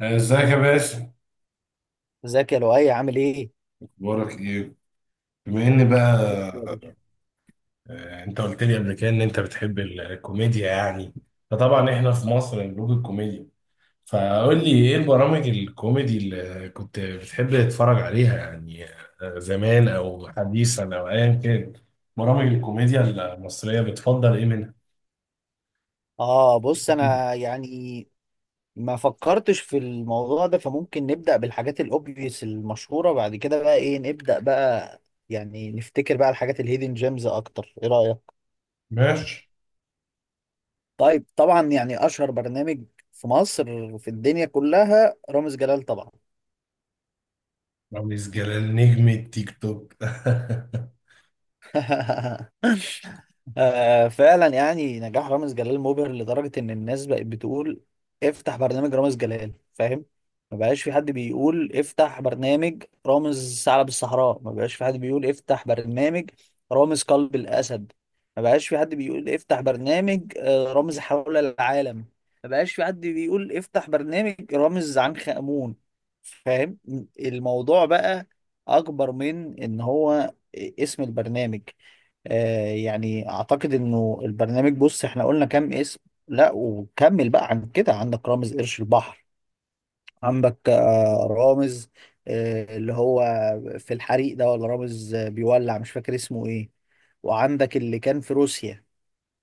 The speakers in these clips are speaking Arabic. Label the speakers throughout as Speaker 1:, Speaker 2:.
Speaker 1: ازيك يا باسم؟
Speaker 2: ازيك يا لؤي؟ عامل ايه؟
Speaker 1: اخبارك ايه؟ بما ان بقى انت قلت لي قبل كده ان انت بتحب الكوميديا يعني. فطبعا احنا في مصر نضوج الكوميديا، فقول لي ايه البرامج الكوميدي اللي كنت بتحب تتفرج عليها يعني. زمان او حديثا او ايا كان، برامج الكوميديا المصرية بتفضل ايه منها؟
Speaker 2: اه بص انا يعني ما فكرتش في الموضوع ده، فممكن نبدأ بالحاجات الاوبفيس المشهورة، بعد كده بقى ايه نبدأ بقى، يعني نفتكر بقى الحاجات الهيدن جيمز اكتر، ايه رأيك؟
Speaker 1: ماشي.
Speaker 2: طيب، طبعا يعني اشهر برنامج في مصر، في الدنيا كلها، رامز جلال طبعا.
Speaker 1: رامز جلال نجم التيك توك.
Speaker 2: آه، فعلا يعني نجاح رامز جلال مبهر لدرجة إن الناس بقت بتقول افتح برنامج رامز جلال، فاهم؟ ما بقاش في حد بيقول افتح برنامج رامز ثعلب الصحراء، ما بقاش في حد بيقول افتح برنامج رامز قلب الأسد، ما بقاش في حد بيقول افتح برنامج رامز حول العالم، ما بقاش في حد بيقول افتح برنامج رامز عنخ آمون، فاهم؟ الموضوع بقى أكبر من إن هو اسم البرنامج. آه يعني اعتقد انه البرنامج، بص احنا قلنا كام اسم؟ لا وكمل بقى عن كده: عندك رامز قرش البحر، عندك آه رامز، آه اللي هو في الحريق ده، ولا رامز بيولع، مش فاكر اسمه ايه. وعندك اللي كان في روسيا،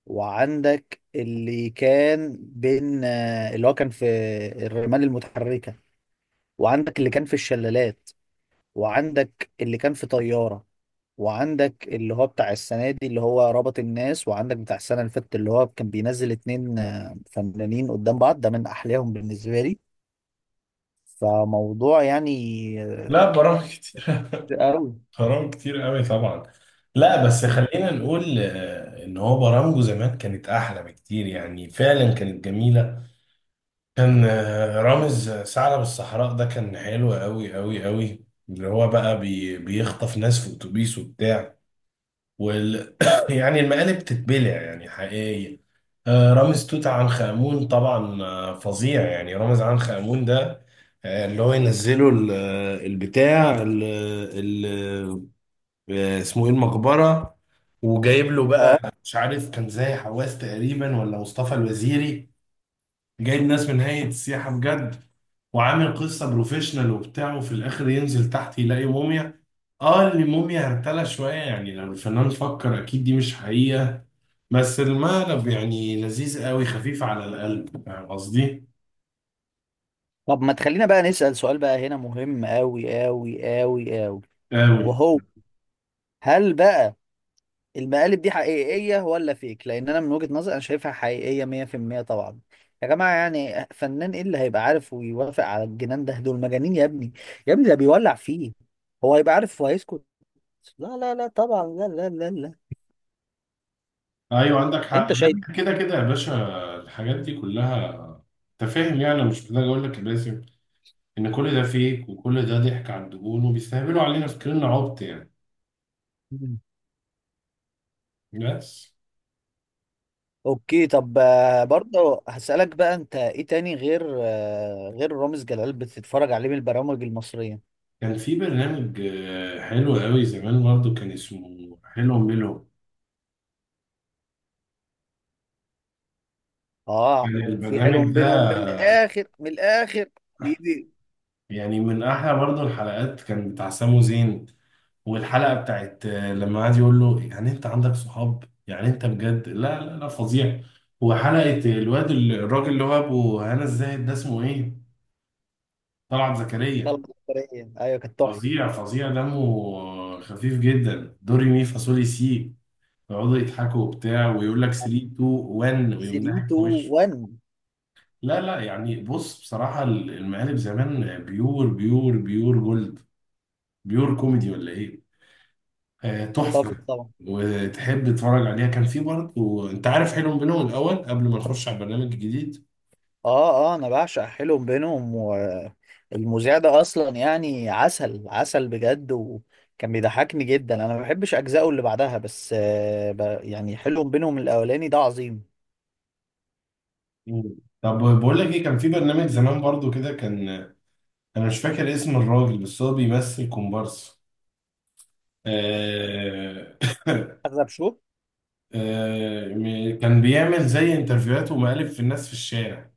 Speaker 2: وعندك اللي كان بين اللي هو كان في الرمال المتحركة، وعندك اللي كان في الشلالات، وعندك اللي كان في طيارة، وعندك اللي هو بتاع السنة دي اللي هو ربط الناس، وعندك بتاع السنة اللي فاتت اللي هو كان بينزل اتنين فنانين قدام بعض، ده من أحلاهم بالنسبة لي. فموضوع يعني
Speaker 1: لا،
Speaker 2: آه،
Speaker 1: برامج كتير.
Speaker 2: كتير قوي.
Speaker 1: حرام، كتير قوي طبعا. لا بس
Speaker 2: مم.
Speaker 1: خلينا نقول ان هو برامجه زمان كانت احلى بكتير، يعني فعلا كانت جميله. كان رامز ثعلب الصحراء ده كان حلو قوي قوي قوي، اللي هو بقى بيخطف ناس في اتوبيس وبتاع، وال يعني المقالب تتبلع يعني حقيقي. رامز توت عنخ آمون طبعا، فظيع يعني رامز عنخ آمون ده. اللي هو ينزله البتاع اسمه ايه، المقبرة، وجايب له بقى،
Speaker 2: اه
Speaker 1: مش عارف كان زي حواس تقريبا ولا مصطفى الوزيري. جايب ناس من هيئة السياحة بجد، وعامل قصة بروفيشنال وبتاع، وفي الآخر ينزل تحت يلاقي موميا. اه اللي موميا هرتلة شوية، يعني لو الفنان فكر أكيد دي مش حقيقة. بس المقلب يعني لذيذ قوي، خفيف على القلب، فاهم قصدي؟
Speaker 2: طب ما تخلينا بقى نسأل سؤال بقى هنا مهم قوي قوي قوي قوي،
Speaker 1: قوي.
Speaker 2: وهو هل بقى المقالب دي حقيقية ولا فيك؟ لأن أنا من وجهة نظري أنا شايفها حقيقية 100% طبعا، يا جماعة. يعني فنان إيه اللي هيبقى عارف ويوافق على الجنان ده؟ دول مجانين يا ابني، يا ابني ده بيولع فيه. هو هيبقى عارف وهيسكت؟ لا لا لا طبعا، لا لا لا لا.
Speaker 1: أيوه عندك حق،
Speaker 2: أنت شايف.
Speaker 1: لا كده كده يا باشا. الحاجات دي كلها، أنت فاهم، يعني أنا مش محتاج أقول لك يا باسم ان كل ده فيك، وكل ده ضحك على الدهون وبيستهبلوا علينا فاكريننا عبط يعني.
Speaker 2: مم.
Speaker 1: بس
Speaker 2: أوكي. طب برضه هسألك بقى، أنت إيه تاني غير غير رامز جلال بتتفرج عليه من البرامج المصرية؟
Speaker 1: كان في برنامج حلو قوي زمان برضو، كان اسمه حلو ميلو.
Speaker 2: آه،
Speaker 1: كان
Speaker 2: وفي
Speaker 1: البرنامج
Speaker 2: حلو بينهم
Speaker 1: ده
Speaker 2: من الآخر من الآخر. بيدي
Speaker 1: يعني من احلى، برضو الحلقات كان بتاع سامو زين، والحلقة بتاعت لما قعد يقول له، يعني انت عندك صحاب، يعني انت بجد، لا لا لا، فظيع. وحلقة الواد الراجل اللي هو ابو هنا الزاهد، ده اسمه ايه، طلعت زكريا.
Speaker 2: خلق. أيوه كانت تحفة.
Speaker 1: فظيع فظيع، دمه خفيف جدا، دوري مي فاصولي سي. يقعدوا يضحكوا وبتاع، ويقول لك 3 2 1، ويقوم
Speaker 2: 3 2
Speaker 1: ضاحك في وشه.
Speaker 2: 1.
Speaker 1: لا لا، يعني بص، بصراحة المقالب زمان بيور بيور بيور جولد، بيور كوميدي ولا ايه، تحفة،
Speaker 2: اتفق طبعا.
Speaker 1: وتحب تتفرج عليها. كان في برضه، انت عارف، حلم بنو الاول، قبل ما نخش على البرنامج الجديد.
Speaker 2: اه اه، انا بعشق حلو بينهم، والمذيع ده اصلا يعني عسل عسل بجد، وكان بيضحكني جدا. انا ما بحبش اجزائه اللي بعدها، بس آه يعني حلو بينهم الاولاني ده عظيم.
Speaker 1: مم. طب بقول لك ايه، كان في برنامج زمان برضه كده، كان انا مش فاكر اسم الراجل، بس هو بيمثل كومبارس. آه
Speaker 2: اغلب شو،
Speaker 1: كان بيعمل زي انترفيوهات ومقالب في الناس في الشارع،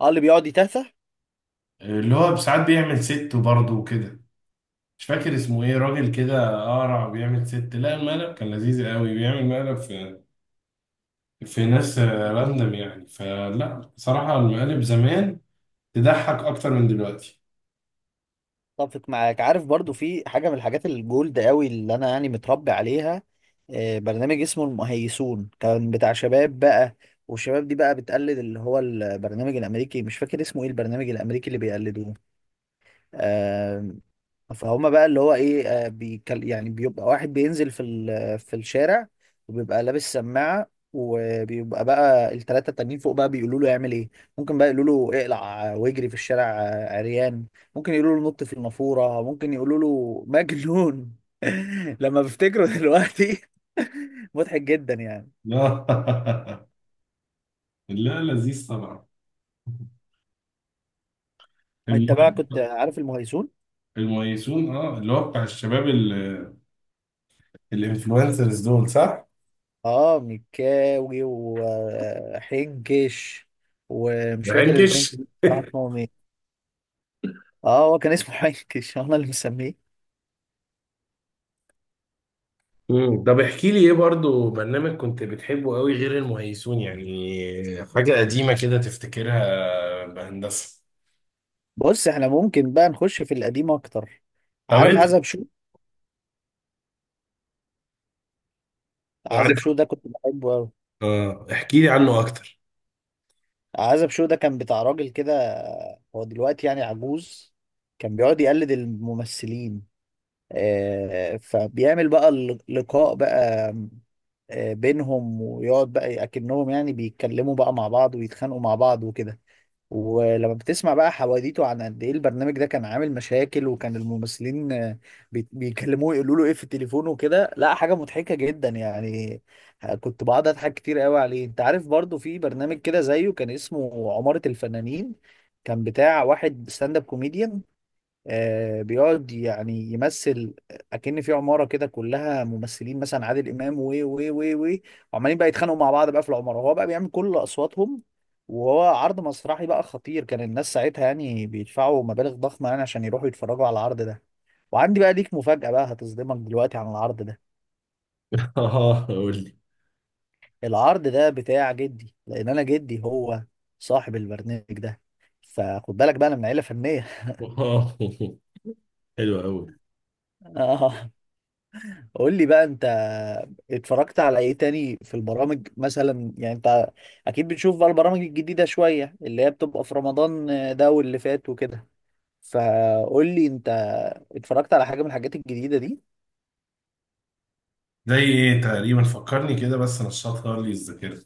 Speaker 2: اه اللي بيقعد يتهته.
Speaker 1: اللي هو ساعات بيعمل ست برضه وكده. مش فاكر اسمه ايه، راجل كده قارع، بيعمل ست، لا المقلب كان لذيذ قوي، بيعمل مقلب في في ناس راندم يعني، فلا بصراحة المقالب زمان تضحك اكتر من دلوقتي.
Speaker 2: اتفق معاك. عارف برضو في حاجة من الحاجات الجولد قوي اللي انا يعني متربي عليها، برنامج اسمه المهيسون، كان بتاع شباب بقى. والشباب دي بقى بتقلد اللي هو البرنامج الامريكي، مش فاكر اسمه ايه البرنامج الامريكي اللي بيقلدوه. آم، فهم بقى اللي هو ايه، بيكل يعني، بيبقى واحد بينزل في الشارع، وبيبقى لابس سماعة، وبيبقى بقى التلاتة التانيين فوق بقى بيقولوا له يعمل ايه. ممكن بقى يقولوا له اقلع واجري في الشارع عريان، ممكن يقولوا له نط في النافورة، ممكن يقولوا له مجنون. لما بفتكره دلوقتي، مضحك جدا يعني.
Speaker 1: لا لا لذيذ طبعا.
Speaker 2: انت
Speaker 1: المهم،
Speaker 2: بقى كنت عارف المهيسون؟
Speaker 1: الميسون، اه اللي هو بتاع الشباب الانفلونسرز دول، صح؟
Speaker 2: اه مكاوي وحنكش، ومش
Speaker 1: ما.
Speaker 2: فاكر الاتنين كانوا بصراحة اسمهم ايه. اه هو كان اسمه حنكش، انا اللي مسميه.
Speaker 1: طب احكي لي ايه برضو برنامج كنت بتحبه قوي غير المهيسون، يعني حاجة قديمة كده تفتكرها بهندسة.
Speaker 2: بص احنا ممكن بقى نخش في القديم اكتر.
Speaker 1: طب
Speaker 2: عارف
Speaker 1: انت
Speaker 2: عزب شو؟ عزب
Speaker 1: عارف.
Speaker 2: شو ده كنت بحبه قوي.
Speaker 1: اه احكي لي عنه اكتر.
Speaker 2: عزب شو ده كان بتاع راجل كده، هو دلوقتي يعني عجوز، كان بيقعد يقلد الممثلين. آه، فبيعمل بقى اللقاء بقى بينهم، ويقعد بقى اكنهم يعني بيتكلموا بقى مع بعض ويتخانقوا مع بعض وكده. ولما بتسمع بقى حواديته عن قد ايه البرنامج ده كان عامل مشاكل، وكان الممثلين بيكلموه يقولوا له ايه في التليفون وكده، لا حاجة مضحكة جدا يعني. كنت بقعد اضحك كتير قوي عليه. انت عارف برضو في برنامج كده زيه كان اسمه عمارة الفنانين، كان بتاع واحد ستاند اب كوميديان، بيقعد يعني يمثل اكن في عماره كده كلها ممثلين، مثلا عادل امام و وعمالين بقى يتخانقوا مع بعض بقى في العماره، وهو بقى بيعمل كل اصواتهم، وهو عرض مسرحي بقى خطير، كان الناس ساعتها يعني بيدفعوا مبالغ ضخمه يعني عشان يروحوا يتفرجوا على العرض ده. وعندي بقى ليك مفاجاه بقى هتصدمك دلوقتي عن العرض ده:
Speaker 1: اه قول لي.
Speaker 2: العرض ده بتاع جدي، لان انا جدي هو صاحب البرنامج ده، فخد بالك بقى انا من عيله فنيه.
Speaker 1: اه حلو قوي.
Speaker 2: قول لي بقى انت، اتفرجت على ايه تاني في البرامج مثلا؟ يعني انت اكيد بتشوف بقى البرامج الجديدة شوية اللي هي بتبقى في رمضان ده واللي فات وكده، فقول لي انت اتفرجت على حاجة من الحاجات الجديدة دي.
Speaker 1: زي ايه تقريبا؟ فكرني كده بس، نشطها لي الذاكرة.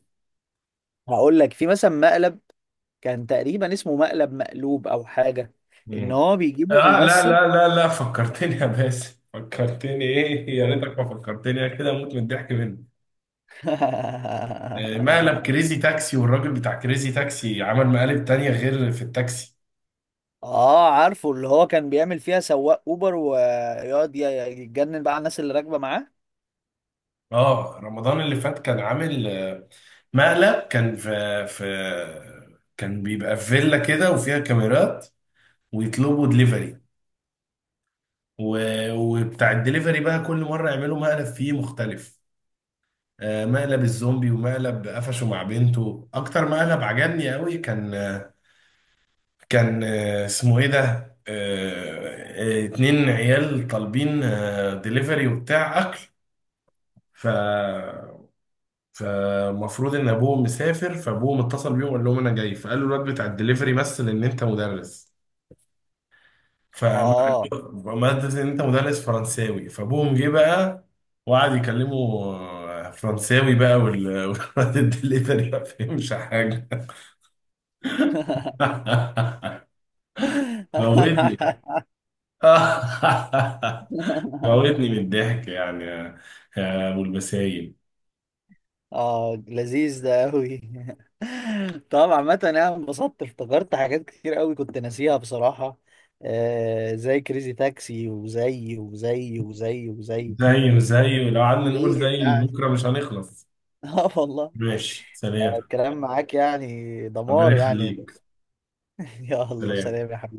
Speaker 2: هقول لك في مثلا مقلب كان تقريبا اسمه مقلب مقلوب او حاجة، ان
Speaker 1: مم.
Speaker 2: هو بيجيبوا
Speaker 1: اه لا
Speaker 2: ممثل.
Speaker 1: لا لا لا، فكرتني يا باسم، فكرتني ايه، يا
Speaker 2: قول لي.
Speaker 1: ريتك ما فكرتني، انا كده اموت من الضحك منك. مقلب كريزي تاكسي، والراجل بتاع كريزي تاكسي عمل مقالب تانية غير في التاكسي.
Speaker 2: اه عارفه، اللي هو كان بيعمل فيها سواق اوبر ويقعد يتجنن بقى على الناس اللي راكبة معاه.
Speaker 1: اه رمضان اللي فات كان عامل مقلب، كان في في، كان بيبقى في فيلا كده وفيها كاميرات، ويطلبوا دليفري، وبتاع الدليفري بقى كل مرة يعملوا مقلب فيه مختلف، مقلب الزومبي، ومقلب قفشه مع بنته. اكتر مقلب عجبني قوي كان اسمه ايه ده، اتنين عيال طالبين دليفري وبتاع اكل، ف فمفروض ان ابوه مسافر، فابوه متصل بيه وقال لهم انا جاي، فقال له الواد بتاع الدليفري: مثل ان انت مدرس. فما قال
Speaker 2: اه.
Speaker 1: له، ما قال ان انت مدرس فرنساوي، فابوهم جه بقى وقعد يكلمه فرنساوي بقى، والواد الدليفري ما فهمش حاجه. موتني. موتني من الضحك، يعني يا، يا ابو البسايل.
Speaker 2: اه لذيذ ده قوي. طبعا عامة انا انبسطت، افتكرت حاجات كتير قوي كنت ناسيها بصراحة، آه زي كريزي تاكسي وزي وزي وزي وزي
Speaker 1: زي لو قعدنا نقول
Speaker 2: ايه
Speaker 1: زي
Speaker 2: يعني.
Speaker 1: لبكره مش هنخلص.
Speaker 2: اه والله.
Speaker 1: ماشي، سلام.
Speaker 2: الكلام معاك يعني
Speaker 1: ربنا
Speaker 2: دمار يعني.
Speaker 1: يخليك.
Speaker 2: يلا
Speaker 1: سلام.
Speaker 2: سلام يا حبيبي.